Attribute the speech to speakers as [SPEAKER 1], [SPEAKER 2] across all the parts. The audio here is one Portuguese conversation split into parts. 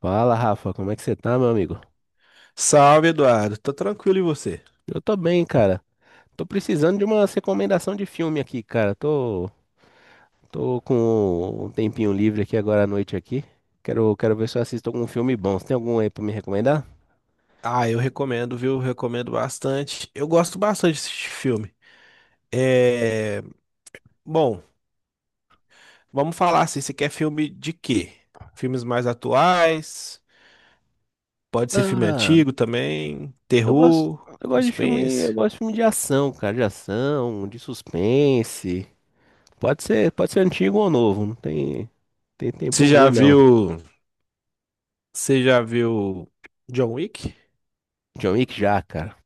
[SPEAKER 1] Fala, Rafa, como é que você tá, meu amigo?
[SPEAKER 2] Salve, Eduardo. Tá tranquilo e você?
[SPEAKER 1] Eu tô bem, cara. Tô precisando de uma recomendação de filme aqui, cara. Tô com um tempinho livre aqui agora à noite aqui. Quero ver se eu assisto algum filme bom. Você tem algum aí pra me recomendar?
[SPEAKER 2] Ah, eu recomendo, viu? Recomendo bastante. Eu gosto bastante de assistir filme. É... Bom, vamos falar assim, você quer filme de quê? Filmes mais atuais, pode ser filme
[SPEAKER 1] Ah,
[SPEAKER 2] antigo também,
[SPEAKER 1] eu gosto,
[SPEAKER 2] terror,
[SPEAKER 1] eu gosto de filme, eu
[SPEAKER 2] suspense.
[SPEAKER 1] gosto de filme de ação, cara, de ação, de suspense. Pode ser antigo ou novo, não tem, tem
[SPEAKER 2] Você
[SPEAKER 1] tempo
[SPEAKER 2] já
[SPEAKER 1] ruim não.
[SPEAKER 2] viu, você já viu John Wick?
[SPEAKER 1] John Wick já, cara.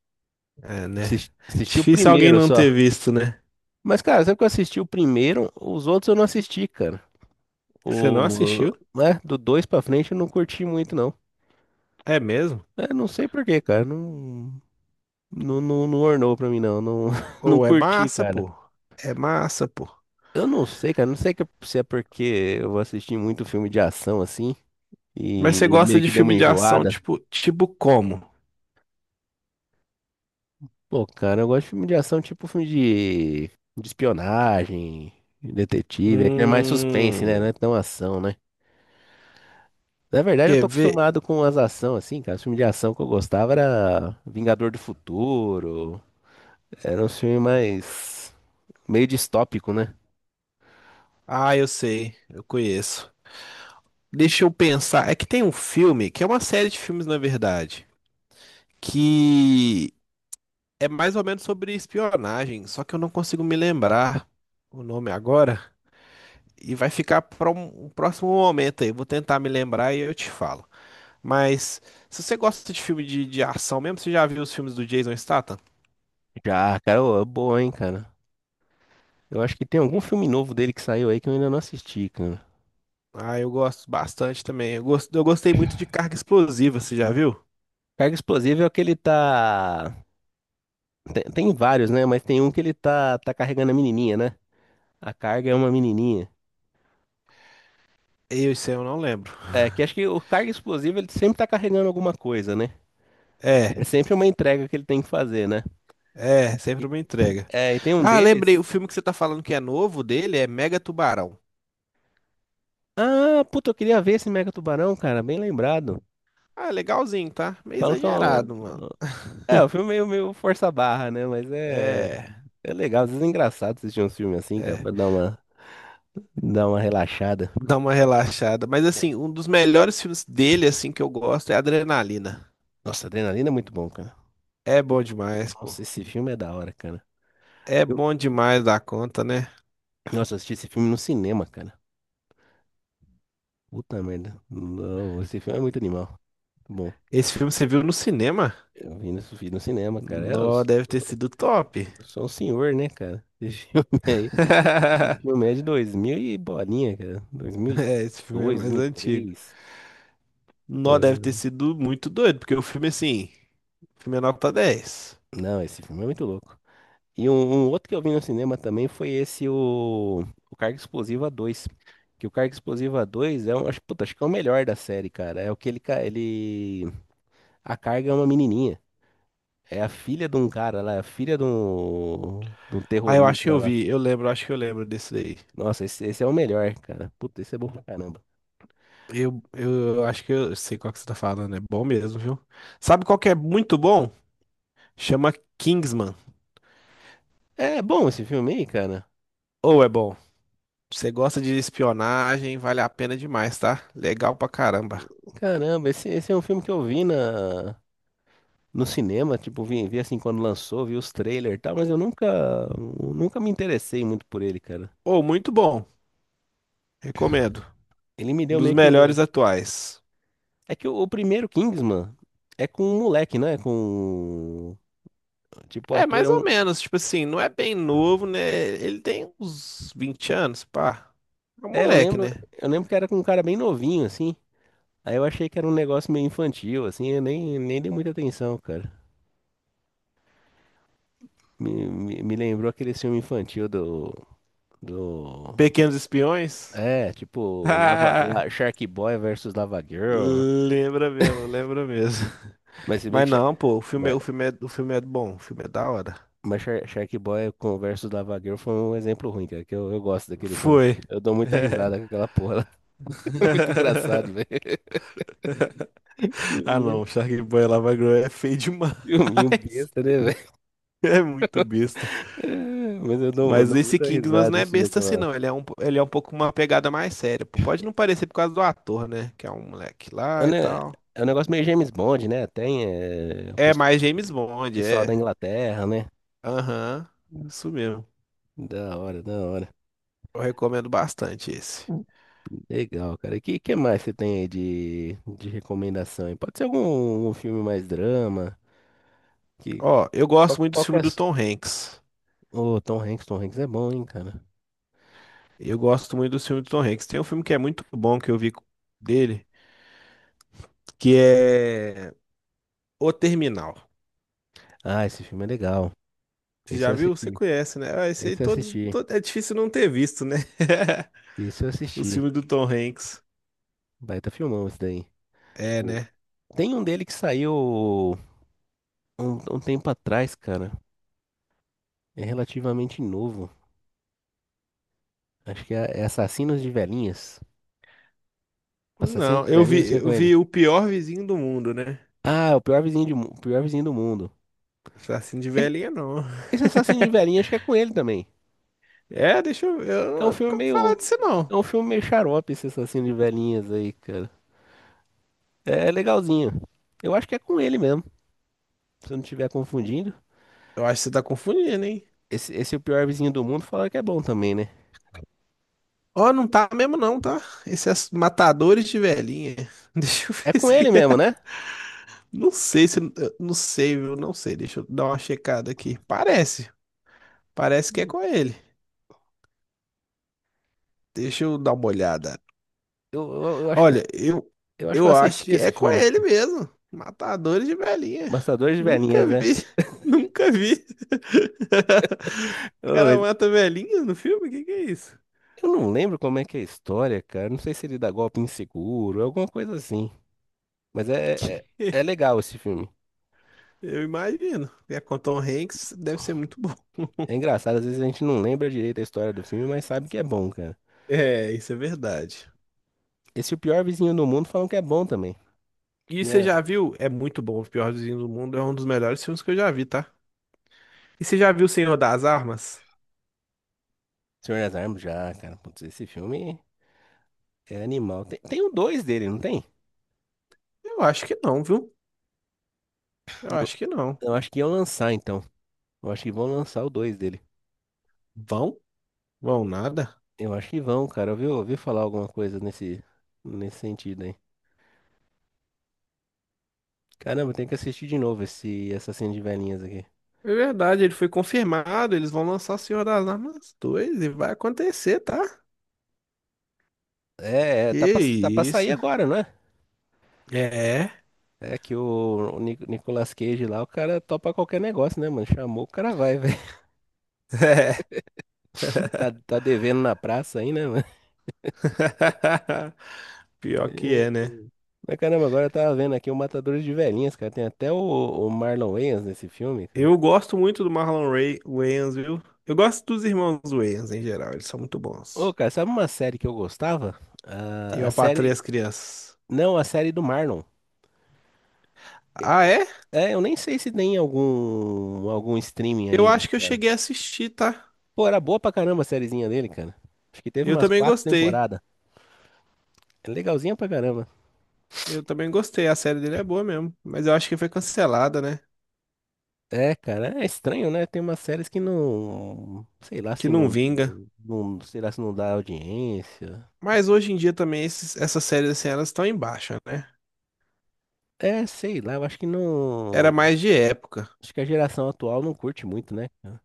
[SPEAKER 2] É, né?
[SPEAKER 1] Assisti o
[SPEAKER 2] Difícil alguém
[SPEAKER 1] primeiro
[SPEAKER 2] não
[SPEAKER 1] só.
[SPEAKER 2] ter visto, né?
[SPEAKER 1] Mas, cara, sempre que eu assisti o primeiro, os outros eu não assisti, cara.
[SPEAKER 2] Você não
[SPEAKER 1] O,
[SPEAKER 2] assistiu?
[SPEAKER 1] né, do dois pra frente eu não curti muito, não.
[SPEAKER 2] É mesmo?
[SPEAKER 1] É, não sei por quê, cara. Não, não ornou pra mim, não. Não, não
[SPEAKER 2] Ou é
[SPEAKER 1] curti,
[SPEAKER 2] massa,
[SPEAKER 1] cara.
[SPEAKER 2] pô. É massa, pô.
[SPEAKER 1] Eu não sei, cara. Não sei se é porque eu assisti muito filme de ação, assim,
[SPEAKER 2] Mas você
[SPEAKER 1] e
[SPEAKER 2] gosta
[SPEAKER 1] meio
[SPEAKER 2] de
[SPEAKER 1] que deu uma
[SPEAKER 2] filme de ação
[SPEAKER 1] enjoada.
[SPEAKER 2] tipo como?
[SPEAKER 1] Pô, cara, eu gosto de filme de ação, tipo filme de espionagem, detetive. É mais suspense, né? Não
[SPEAKER 2] Hum,
[SPEAKER 1] é tão ação, né? Na verdade, eu
[SPEAKER 2] quer
[SPEAKER 1] tô
[SPEAKER 2] ver?
[SPEAKER 1] acostumado com as ações, assim, cara. Os filmes de ação que eu gostava era Vingador do Futuro. Era um filme mais meio distópico, né?
[SPEAKER 2] Ah, eu sei, eu conheço. Deixa eu pensar. É que tem um filme, que é uma série de filmes, na verdade, que é mais ou menos sobre espionagem, só que eu não consigo me lembrar o nome agora. E vai ficar para um próximo momento aí. Eu vou tentar me lembrar e eu te falo. Mas se você gosta de filme de ação mesmo, você já viu os filmes do Jason Statham?
[SPEAKER 1] Já, cara, ô, é boa, hein, cara. Eu acho que tem algum filme novo dele que saiu aí que eu ainda não assisti, cara.
[SPEAKER 2] Ah, eu gosto bastante também. Eu gostei muito de Carga Explosiva, você já viu?
[SPEAKER 1] Carga Explosiva é o que ele tá. Tem vários, né? Mas tem um que ele tá carregando a menininha, né? A carga é uma menininha.
[SPEAKER 2] Isso aí eu não lembro.
[SPEAKER 1] É, que acho que o carga explosivo ele sempre tá carregando alguma coisa, né? É
[SPEAKER 2] É,
[SPEAKER 1] sempre uma entrega que ele tem que fazer, né?
[SPEAKER 2] é, sempre
[SPEAKER 1] E,
[SPEAKER 2] uma entrega.
[SPEAKER 1] é, e tem um
[SPEAKER 2] Ah, lembrei, o
[SPEAKER 1] deles.
[SPEAKER 2] filme que você tá falando que é novo dele é Mega Tubarão.
[SPEAKER 1] Ah, puta, eu queria ver esse Mega Tubarão, cara, bem lembrado.
[SPEAKER 2] Ah, legalzinho, tá? Meio
[SPEAKER 1] Falam que
[SPEAKER 2] exagerado, mano.
[SPEAKER 1] é um filme meio, meio força a barra, né? Mas é,
[SPEAKER 2] É,
[SPEAKER 1] é legal, às vezes é engraçado assistir um filme assim, cara,
[SPEAKER 2] é,
[SPEAKER 1] pra dar uma relaxada.
[SPEAKER 2] dá uma relaxada. Mas
[SPEAKER 1] Tem.
[SPEAKER 2] assim, um dos melhores filmes dele, assim, que eu gosto é Adrenalina.
[SPEAKER 1] Nossa, Adrenalina é muito bom, cara.
[SPEAKER 2] É bom demais, pô.
[SPEAKER 1] Nossa, esse filme é da hora, cara.
[SPEAKER 2] É
[SPEAKER 1] Eu,
[SPEAKER 2] bom demais da conta, né?
[SPEAKER 1] nossa, eu assisti esse filme no cinema, cara. Puta merda. Não, esse filme é muito animal. Bom,
[SPEAKER 2] Esse filme você viu no cinema?
[SPEAKER 1] eu vi vi no cinema, cara. É, eu,
[SPEAKER 2] Nó,
[SPEAKER 1] sou
[SPEAKER 2] deve ter sido top.
[SPEAKER 1] eu sou um senhor, né, cara? Esse filme aí. O filme é de 2000 e bolinha, cara.
[SPEAKER 2] É,
[SPEAKER 1] 2002,
[SPEAKER 2] esse filme é mais antigo.
[SPEAKER 1] 2003.
[SPEAKER 2] Nó, deve ter
[SPEAKER 1] Ah,
[SPEAKER 2] sido muito doido, porque o filme, assim, o filme é nota 10.
[SPEAKER 1] não, esse filme é muito louco. E um outro que eu vi no cinema também foi o Carga Explosiva dois. Que o Carga Explosiva dois é um, acho, puta, acho que é o melhor da série, cara. É o que ele... A Carga é uma menininha. É a filha de um cara lá, é a filha de um
[SPEAKER 2] Ah, eu acho que
[SPEAKER 1] terrorista
[SPEAKER 2] eu
[SPEAKER 1] lá.
[SPEAKER 2] vi, eu lembro, acho que eu lembro desse daí.
[SPEAKER 1] Nossa, esse é o melhor, cara. Puta, esse é bom pra caramba.
[SPEAKER 2] Eu acho que eu sei qual que você tá falando, é bom mesmo, viu? Sabe qual que é muito bom? Chama Kingsman.
[SPEAKER 1] É bom esse filme aí, cara.
[SPEAKER 2] Ou é bom. Você gosta de espionagem, vale a pena demais, tá? Legal pra caramba.
[SPEAKER 1] Caramba, esse é um filme que eu vi na. No cinema, tipo, vi assim quando lançou, vi os trailers e tal, mas eu nunca me interessei muito por ele, cara.
[SPEAKER 2] Ou muito bom, recomendo.
[SPEAKER 1] Ele me
[SPEAKER 2] Um
[SPEAKER 1] deu
[SPEAKER 2] dos
[SPEAKER 1] meio que.
[SPEAKER 2] melhores atuais.
[SPEAKER 1] É que o primeiro Kingsman é com um moleque, né? Com. Tipo, o
[SPEAKER 2] É,
[SPEAKER 1] ator
[SPEAKER 2] mais
[SPEAKER 1] é
[SPEAKER 2] ou
[SPEAKER 1] um.
[SPEAKER 2] menos, tipo assim, não é bem novo, né? Ele tem uns 20 anos, pá. É um
[SPEAKER 1] É,
[SPEAKER 2] moleque, né?
[SPEAKER 1] eu lembro que era com um cara bem novinho, assim. Aí eu achei que era um negócio meio infantil, assim, eu nem dei muita atenção, cara. Me lembrou aquele filme infantil do...
[SPEAKER 2] Pequenos Espiões?
[SPEAKER 1] É, tipo,
[SPEAKER 2] Ah,
[SPEAKER 1] Shark Boy versus Lava Girl.
[SPEAKER 2] lembra mesmo, lembra mesmo.
[SPEAKER 1] Mas se bem
[SPEAKER 2] Mas
[SPEAKER 1] que,
[SPEAKER 2] não, pô,
[SPEAKER 1] ma-
[SPEAKER 2] o filme é bom, o filme é da hora.
[SPEAKER 1] mas Shark Boy com o versus Lava Girl foi um exemplo ruim, cara, que eu gosto daquele filme.
[SPEAKER 2] Foi.
[SPEAKER 1] Eu dou muita
[SPEAKER 2] É.
[SPEAKER 1] risada com aquela porra lá. É muito engraçado, velho.
[SPEAKER 2] Ah
[SPEAKER 1] Filminho,
[SPEAKER 2] não, o Sharkboy Lava Girl é feio demais.
[SPEAKER 1] filminho besta, né, velho?
[SPEAKER 2] É muito besta.
[SPEAKER 1] É, mas eu eu
[SPEAKER 2] Mas
[SPEAKER 1] dou
[SPEAKER 2] esse
[SPEAKER 1] muita
[SPEAKER 2] Kingsman
[SPEAKER 1] risada
[SPEAKER 2] não é
[SPEAKER 1] assistindo
[SPEAKER 2] besta assim,
[SPEAKER 1] aquela.
[SPEAKER 2] não. Ele é um pouco uma pegada mais séria. Pô. Pode não parecer por causa do ator, né? Que é um moleque
[SPEAKER 1] É um
[SPEAKER 2] lá e
[SPEAKER 1] ne-
[SPEAKER 2] tal.
[SPEAKER 1] é um negócio meio James Bond, né? Tem é, o
[SPEAKER 2] É
[SPEAKER 1] pes-
[SPEAKER 2] mais James Bond,
[SPEAKER 1] pessoal da
[SPEAKER 2] é.
[SPEAKER 1] Inglaterra, né?
[SPEAKER 2] Aham. Isso mesmo.
[SPEAKER 1] Da hora, da hora.
[SPEAKER 2] Eu recomendo bastante esse.
[SPEAKER 1] Legal, cara. E que mais você tem aí de recomendação? Aí? Pode ser algum um filme mais drama? Que,
[SPEAKER 2] Ó, eu gosto muito do
[SPEAKER 1] qual que
[SPEAKER 2] filme
[SPEAKER 1] é.
[SPEAKER 2] do Tom Hanks.
[SPEAKER 1] Ô, Tom Hanks, Tom Hanks é bom, hein, cara.
[SPEAKER 2] Eu gosto muito do filme do Tom Hanks. Tem um filme que é muito bom que eu vi dele, que é O Terminal.
[SPEAKER 1] Ah, esse filme é legal.
[SPEAKER 2] Você
[SPEAKER 1] Esse
[SPEAKER 2] já
[SPEAKER 1] eu
[SPEAKER 2] viu? Você
[SPEAKER 1] assisti.
[SPEAKER 2] conhece, né? Ah, esse aí
[SPEAKER 1] Esse eu assisti.
[SPEAKER 2] é difícil não ter visto, né?
[SPEAKER 1] Esse eu
[SPEAKER 2] O
[SPEAKER 1] assisti.
[SPEAKER 2] filme do Tom Hanks.
[SPEAKER 1] Baita filmão esse daí.
[SPEAKER 2] É,
[SPEAKER 1] O-
[SPEAKER 2] né?
[SPEAKER 1] Tem um dele que saiu um tempo atrás, cara. É relativamente novo. Acho que é Assassinos de Velhinhas. Assassinos
[SPEAKER 2] Não,
[SPEAKER 1] de Velhinhas, acho que é com
[SPEAKER 2] eu
[SPEAKER 1] ele.
[SPEAKER 2] vi o Pior Vizinho do Mundo, né?
[SPEAKER 1] Ah, é o pior o pior vizinho do mundo.
[SPEAKER 2] Assim de
[SPEAKER 1] Esse,
[SPEAKER 2] velhinha, não.
[SPEAKER 1] esse Assassino de Velhinhas, acho que é com ele também.
[SPEAKER 2] É, deixa eu ver.
[SPEAKER 1] É um
[SPEAKER 2] Eu
[SPEAKER 1] filme
[SPEAKER 2] nunca vou falar
[SPEAKER 1] meio.
[SPEAKER 2] disso,
[SPEAKER 1] É
[SPEAKER 2] não.
[SPEAKER 1] um filme meio xarope esse Assassino de Velhinhas aí, cara. É legalzinho. Eu acho que é com ele mesmo. Se eu não estiver confundindo.
[SPEAKER 2] Eu acho que você tá confundindo, hein?
[SPEAKER 1] Esse é o pior vizinho do mundo fala que é bom também, né?
[SPEAKER 2] Ó, não tá mesmo, não, tá? Esses matadores de velhinha. Deixa eu
[SPEAKER 1] É
[SPEAKER 2] ver
[SPEAKER 1] com ele
[SPEAKER 2] se.
[SPEAKER 1] mesmo, né?
[SPEAKER 2] Não sei se. Eu não sei, viu? Não sei. Deixa eu dar uma checada aqui. Parece. Parece que é com ele. Deixa eu dar uma olhada.
[SPEAKER 1] Eu
[SPEAKER 2] Olha, eu,
[SPEAKER 1] eu acho que eu
[SPEAKER 2] eu acho
[SPEAKER 1] assisti
[SPEAKER 2] que é
[SPEAKER 1] esse
[SPEAKER 2] com
[SPEAKER 1] filme.
[SPEAKER 2] ele mesmo. Matadores de velhinha.
[SPEAKER 1] Bastadores de
[SPEAKER 2] Nunca
[SPEAKER 1] Velhinhas,
[SPEAKER 2] vi.
[SPEAKER 1] né?
[SPEAKER 2] Nunca vi. O
[SPEAKER 1] Ô,
[SPEAKER 2] cara
[SPEAKER 1] mas
[SPEAKER 2] mata velhinha no filme? O que que é isso?
[SPEAKER 1] eu não lembro como é que é a história, cara. Não sei se ele dá golpe inseguro, alguma coisa assim. Mas é legal esse filme.
[SPEAKER 2] Eu imagino. E é com Tom Hanks, deve ser muito bom.
[SPEAKER 1] É engraçado, às vezes a gente não lembra direito a história do filme, mas sabe que é bom, cara.
[SPEAKER 2] É, isso é verdade.
[SPEAKER 1] Esse é o pior vizinho do mundo falam que é bom também.
[SPEAKER 2] E você
[SPEAKER 1] Minha.
[SPEAKER 2] já viu? É muito bom. O Pior Vizinho do Mundo é um dos melhores filmes que eu já vi, tá? E você já viu O Senhor das Armas?
[SPEAKER 1] Senhor das Armas já, cara. Putz, esse filme é animal. Tem o dois dele, não tem?
[SPEAKER 2] Eu acho que não, viu? Eu acho que não.
[SPEAKER 1] Eu acho que iam lançar, então. Eu acho que vão lançar o 2 dele.
[SPEAKER 2] Vão? Vão nada.
[SPEAKER 1] Eu acho que vão, cara. Eu ouvi, ouvi falar alguma coisa nesse sentido aí. Caramba, tem que assistir de novo esse Assassino de Velhinhas aqui.
[SPEAKER 2] É verdade, ele foi confirmado. Eles vão lançar o Senhor das Armas 2 e vai acontecer, tá?
[SPEAKER 1] É, é,
[SPEAKER 2] Que
[SPEAKER 1] tá pra sair
[SPEAKER 2] isso.
[SPEAKER 1] agora, não é?
[SPEAKER 2] É.
[SPEAKER 1] É que Nicolas Cage lá, o cara topa qualquer negócio, né, mano? Chamou, o cara vai, velho.
[SPEAKER 2] É.
[SPEAKER 1] Tá, tá devendo na praça aí, né, mano?
[SPEAKER 2] Pior que
[SPEAKER 1] É.
[SPEAKER 2] é, né?
[SPEAKER 1] Mas caramba, agora eu tava vendo aqui o Matadores de Velhinhas, cara. Tem até o Marlon Wayans nesse filme, cara.
[SPEAKER 2] Eu gosto muito do Marlon Ray Wayans, viu? Eu gosto dos irmãos Wayans em geral, eles são muito
[SPEAKER 1] Ô,
[SPEAKER 2] bons.
[SPEAKER 1] cara, sabe uma série que eu gostava?
[SPEAKER 2] Eu
[SPEAKER 1] A
[SPEAKER 2] apatrei
[SPEAKER 1] série.
[SPEAKER 2] as crianças.
[SPEAKER 1] Não, a série do Marlon.
[SPEAKER 2] Ah, é?
[SPEAKER 1] É, eu nem sei se tem algum algum streaming
[SPEAKER 2] Eu
[SPEAKER 1] ainda,
[SPEAKER 2] acho que eu
[SPEAKER 1] cara.
[SPEAKER 2] cheguei a assistir, tá?
[SPEAKER 1] Pô, era boa pra caramba a sériezinha dele, cara. Acho que teve
[SPEAKER 2] Eu
[SPEAKER 1] umas
[SPEAKER 2] também
[SPEAKER 1] quatro
[SPEAKER 2] gostei.
[SPEAKER 1] temporadas. É legalzinha pra caramba.
[SPEAKER 2] Eu também gostei. A série dele é boa mesmo. Mas eu acho que foi cancelada, né?
[SPEAKER 1] É, cara, é estranho, né? Tem umas séries que não, sei lá
[SPEAKER 2] Que
[SPEAKER 1] se
[SPEAKER 2] não
[SPEAKER 1] não,
[SPEAKER 2] vinga.
[SPEAKER 1] não, sei lá se não dá audiência.
[SPEAKER 2] Mas hoje em dia também essas séries assim, elas estão em baixa, né?
[SPEAKER 1] É, sei lá, eu acho que não,
[SPEAKER 2] Era mais de época.
[SPEAKER 1] acho que a geração atual não curte muito, né, cara?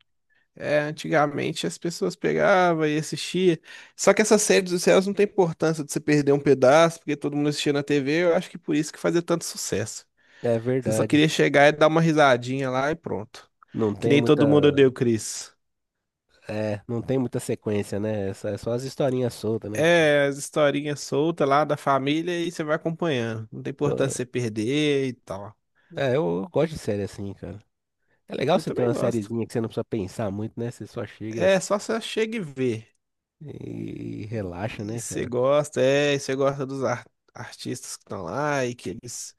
[SPEAKER 2] É, antigamente as pessoas pegavam e assistiam. Só que essas séries dos céus não tem importância de você perder um pedaço, porque todo mundo assistia na TV. Eu acho que por isso que fazia tanto sucesso.
[SPEAKER 1] É
[SPEAKER 2] Você só
[SPEAKER 1] verdade.
[SPEAKER 2] queria chegar e dar uma risadinha lá e pronto.
[SPEAKER 1] Não
[SPEAKER 2] Que
[SPEAKER 1] tem
[SPEAKER 2] nem
[SPEAKER 1] muita,
[SPEAKER 2] todo mundo deu, Chris.
[SPEAKER 1] é, não tem muita sequência, né? É só as historinhas soltas, né?
[SPEAKER 2] É, as historinhas soltas lá da família e você vai acompanhando. Não tem
[SPEAKER 1] Pô,
[SPEAKER 2] importância você perder e tal.
[SPEAKER 1] é, eu gosto de série assim, cara. É legal
[SPEAKER 2] Eu
[SPEAKER 1] você ter
[SPEAKER 2] também
[SPEAKER 1] uma
[SPEAKER 2] gosto.
[SPEAKER 1] sériezinha que você não precisa pensar muito, né? Você só chega
[SPEAKER 2] É
[SPEAKER 1] assim
[SPEAKER 2] só você chega e vê.
[SPEAKER 1] e relaxa,
[SPEAKER 2] E
[SPEAKER 1] né,
[SPEAKER 2] você
[SPEAKER 1] cara?
[SPEAKER 2] gosta, é, e você gosta artistas que estão lá e que eles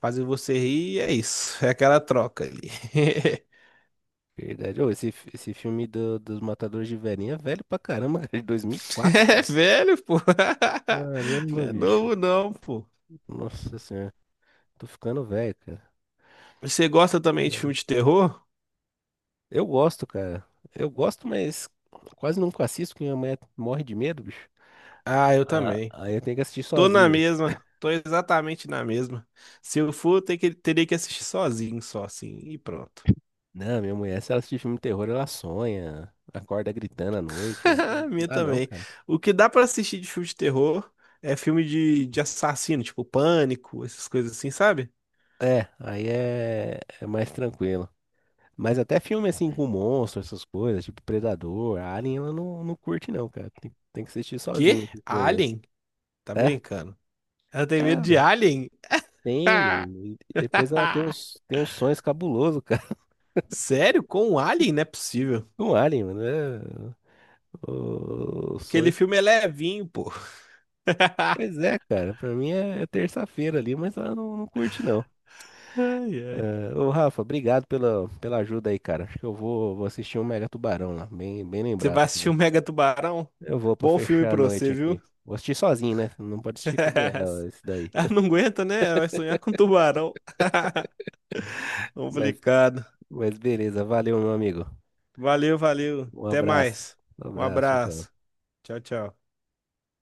[SPEAKER 2] fazem você rir, e é isso, é aquela troca ali.
[SPEAKER 1] Verdade. Ô, esse filme dos Matadores de Velhinha é velho pra caramba, cara, de 2004,
[SPEAKER 2] É
[SPEAKER 1] meu.
[SPEAKER 2] velho, pô. Não
[SPEAKER 1] Caramba,
[SPEAKER 2] é
[SPEAKER 1] bicho.
[SPEAKER 2] novo não, pô.
[SPEAKER 1] Nossa senhora. Tô ficando velho, cara.
[SPEAKER 2] Você gosta também de filme de terror?
[SPEAKER 1] Eu gosto, cara. Eu gosto, mas quase nunca assisto, porque minha mulher morre de medo, bicho.
[SPEAKER 2] Ah, eu
[SPEAKER 1] Ah,
[SPEAKER 2] também.
[SPEAKER 1] aí eu tenho que assistir
[SPEAKER 2] Tô na
[SPEAKER 1] sozinho.
[SPEAKER 2] mesma, tô exatamente na mesma. Se eu for, ter que, teria que assistir sozinho, só assim, e pronto.
[SPEAKER 1] Não, minha mulher, se ela assistir filme de terror, ela sonha, acorda gritando à noite.
[SPEAKER 2] A
[SPEAKER 1] Não
[SPEAKER 2] minha
[SPEAKER 1] dá, não.
[SPEAKER 2] também. O que dá pra assistir de filme de terror é filme de assassino, tipo Pânico, essas coisas assim, sabe?
[SPEAKER 1] É, aí é, é mais tranquilo. Mas até filme assim com monstro, essas coisas, tipo Predador, Alien, ela não curte não, cara. Tem que assistir
[SPEAKER 2] Quê?
[SPEAKER 1] sozinho esse filme.
[SPEAKER 2] Alien? Tá
[SPEAKER 1] Aí. É?
[SPEAKER 2] brincando. Ela tem
[SPEAKER 1] É,
[SPEAKER 2] medo de
[SPEAKER 1] velho.
[SPEAKER 2] alien?
[SPEAKER 1] Tem, mano. E depois ela tem tem uns sonhos cabulosos, cara,
[SPEAKER 2] Sério? Com um alien? Não é possível.
[SPEAKER 1] com Alien, mano. É, os
[SPEAKER 2] Aquele
[SPEAKER 1] sonhos.
[SPEAKER 2] filme é levinho, pô.
[SPEAKER 1] Pois é, cara. Pra mim é, é terça-feira ali, mas ela não curte não.
[SPEAKER 2] Ai, ai.
[SPEAKER 1] É, ô, Rafa, obrigado pela ajuda aí, cara. Acho que eu vou assistir um Mega Tubarão lá. Bem
[SPEAKER 2] Você vai
[SPEAKER 1] lembrado.
[SPEAKER 2] assistir o Mega Tubarão?
[SPEAKER 1] Eu vou pra
[SPEAKER 2] Bom filme
[SPEAKER 1] fechar a
[SPEAKER 2] pra
[SPEAKER 1] noite
[SPEAKER 2] você, viu?
[SPEAKER 1] aqui. Vou assistir sozinho, né? Não pode assistir com a mulher, ó, isso daí.
[SPEAKER 2] Ela não aguenta, né? Vai sonhar com tubarão.
[SPEAKER 1] Mas,
[SPEAKER 2] Complicado.
[SPEAKER 1] mas beleza, valeu, meu amigo.
[SPEAKER 2] Valeu, valeu.
[SPEAKER 1] Um
[SPEAKER 2] Até
[SPEAKER 1] abraço.
[SPEAKER 2] mais.
[SPEAKER 1] Um
[SPEAKER 2] Um
[SPEAKER 1] abraço, tchau, tchau.
[SPEAKER 2] abraço. Tchau, tchau.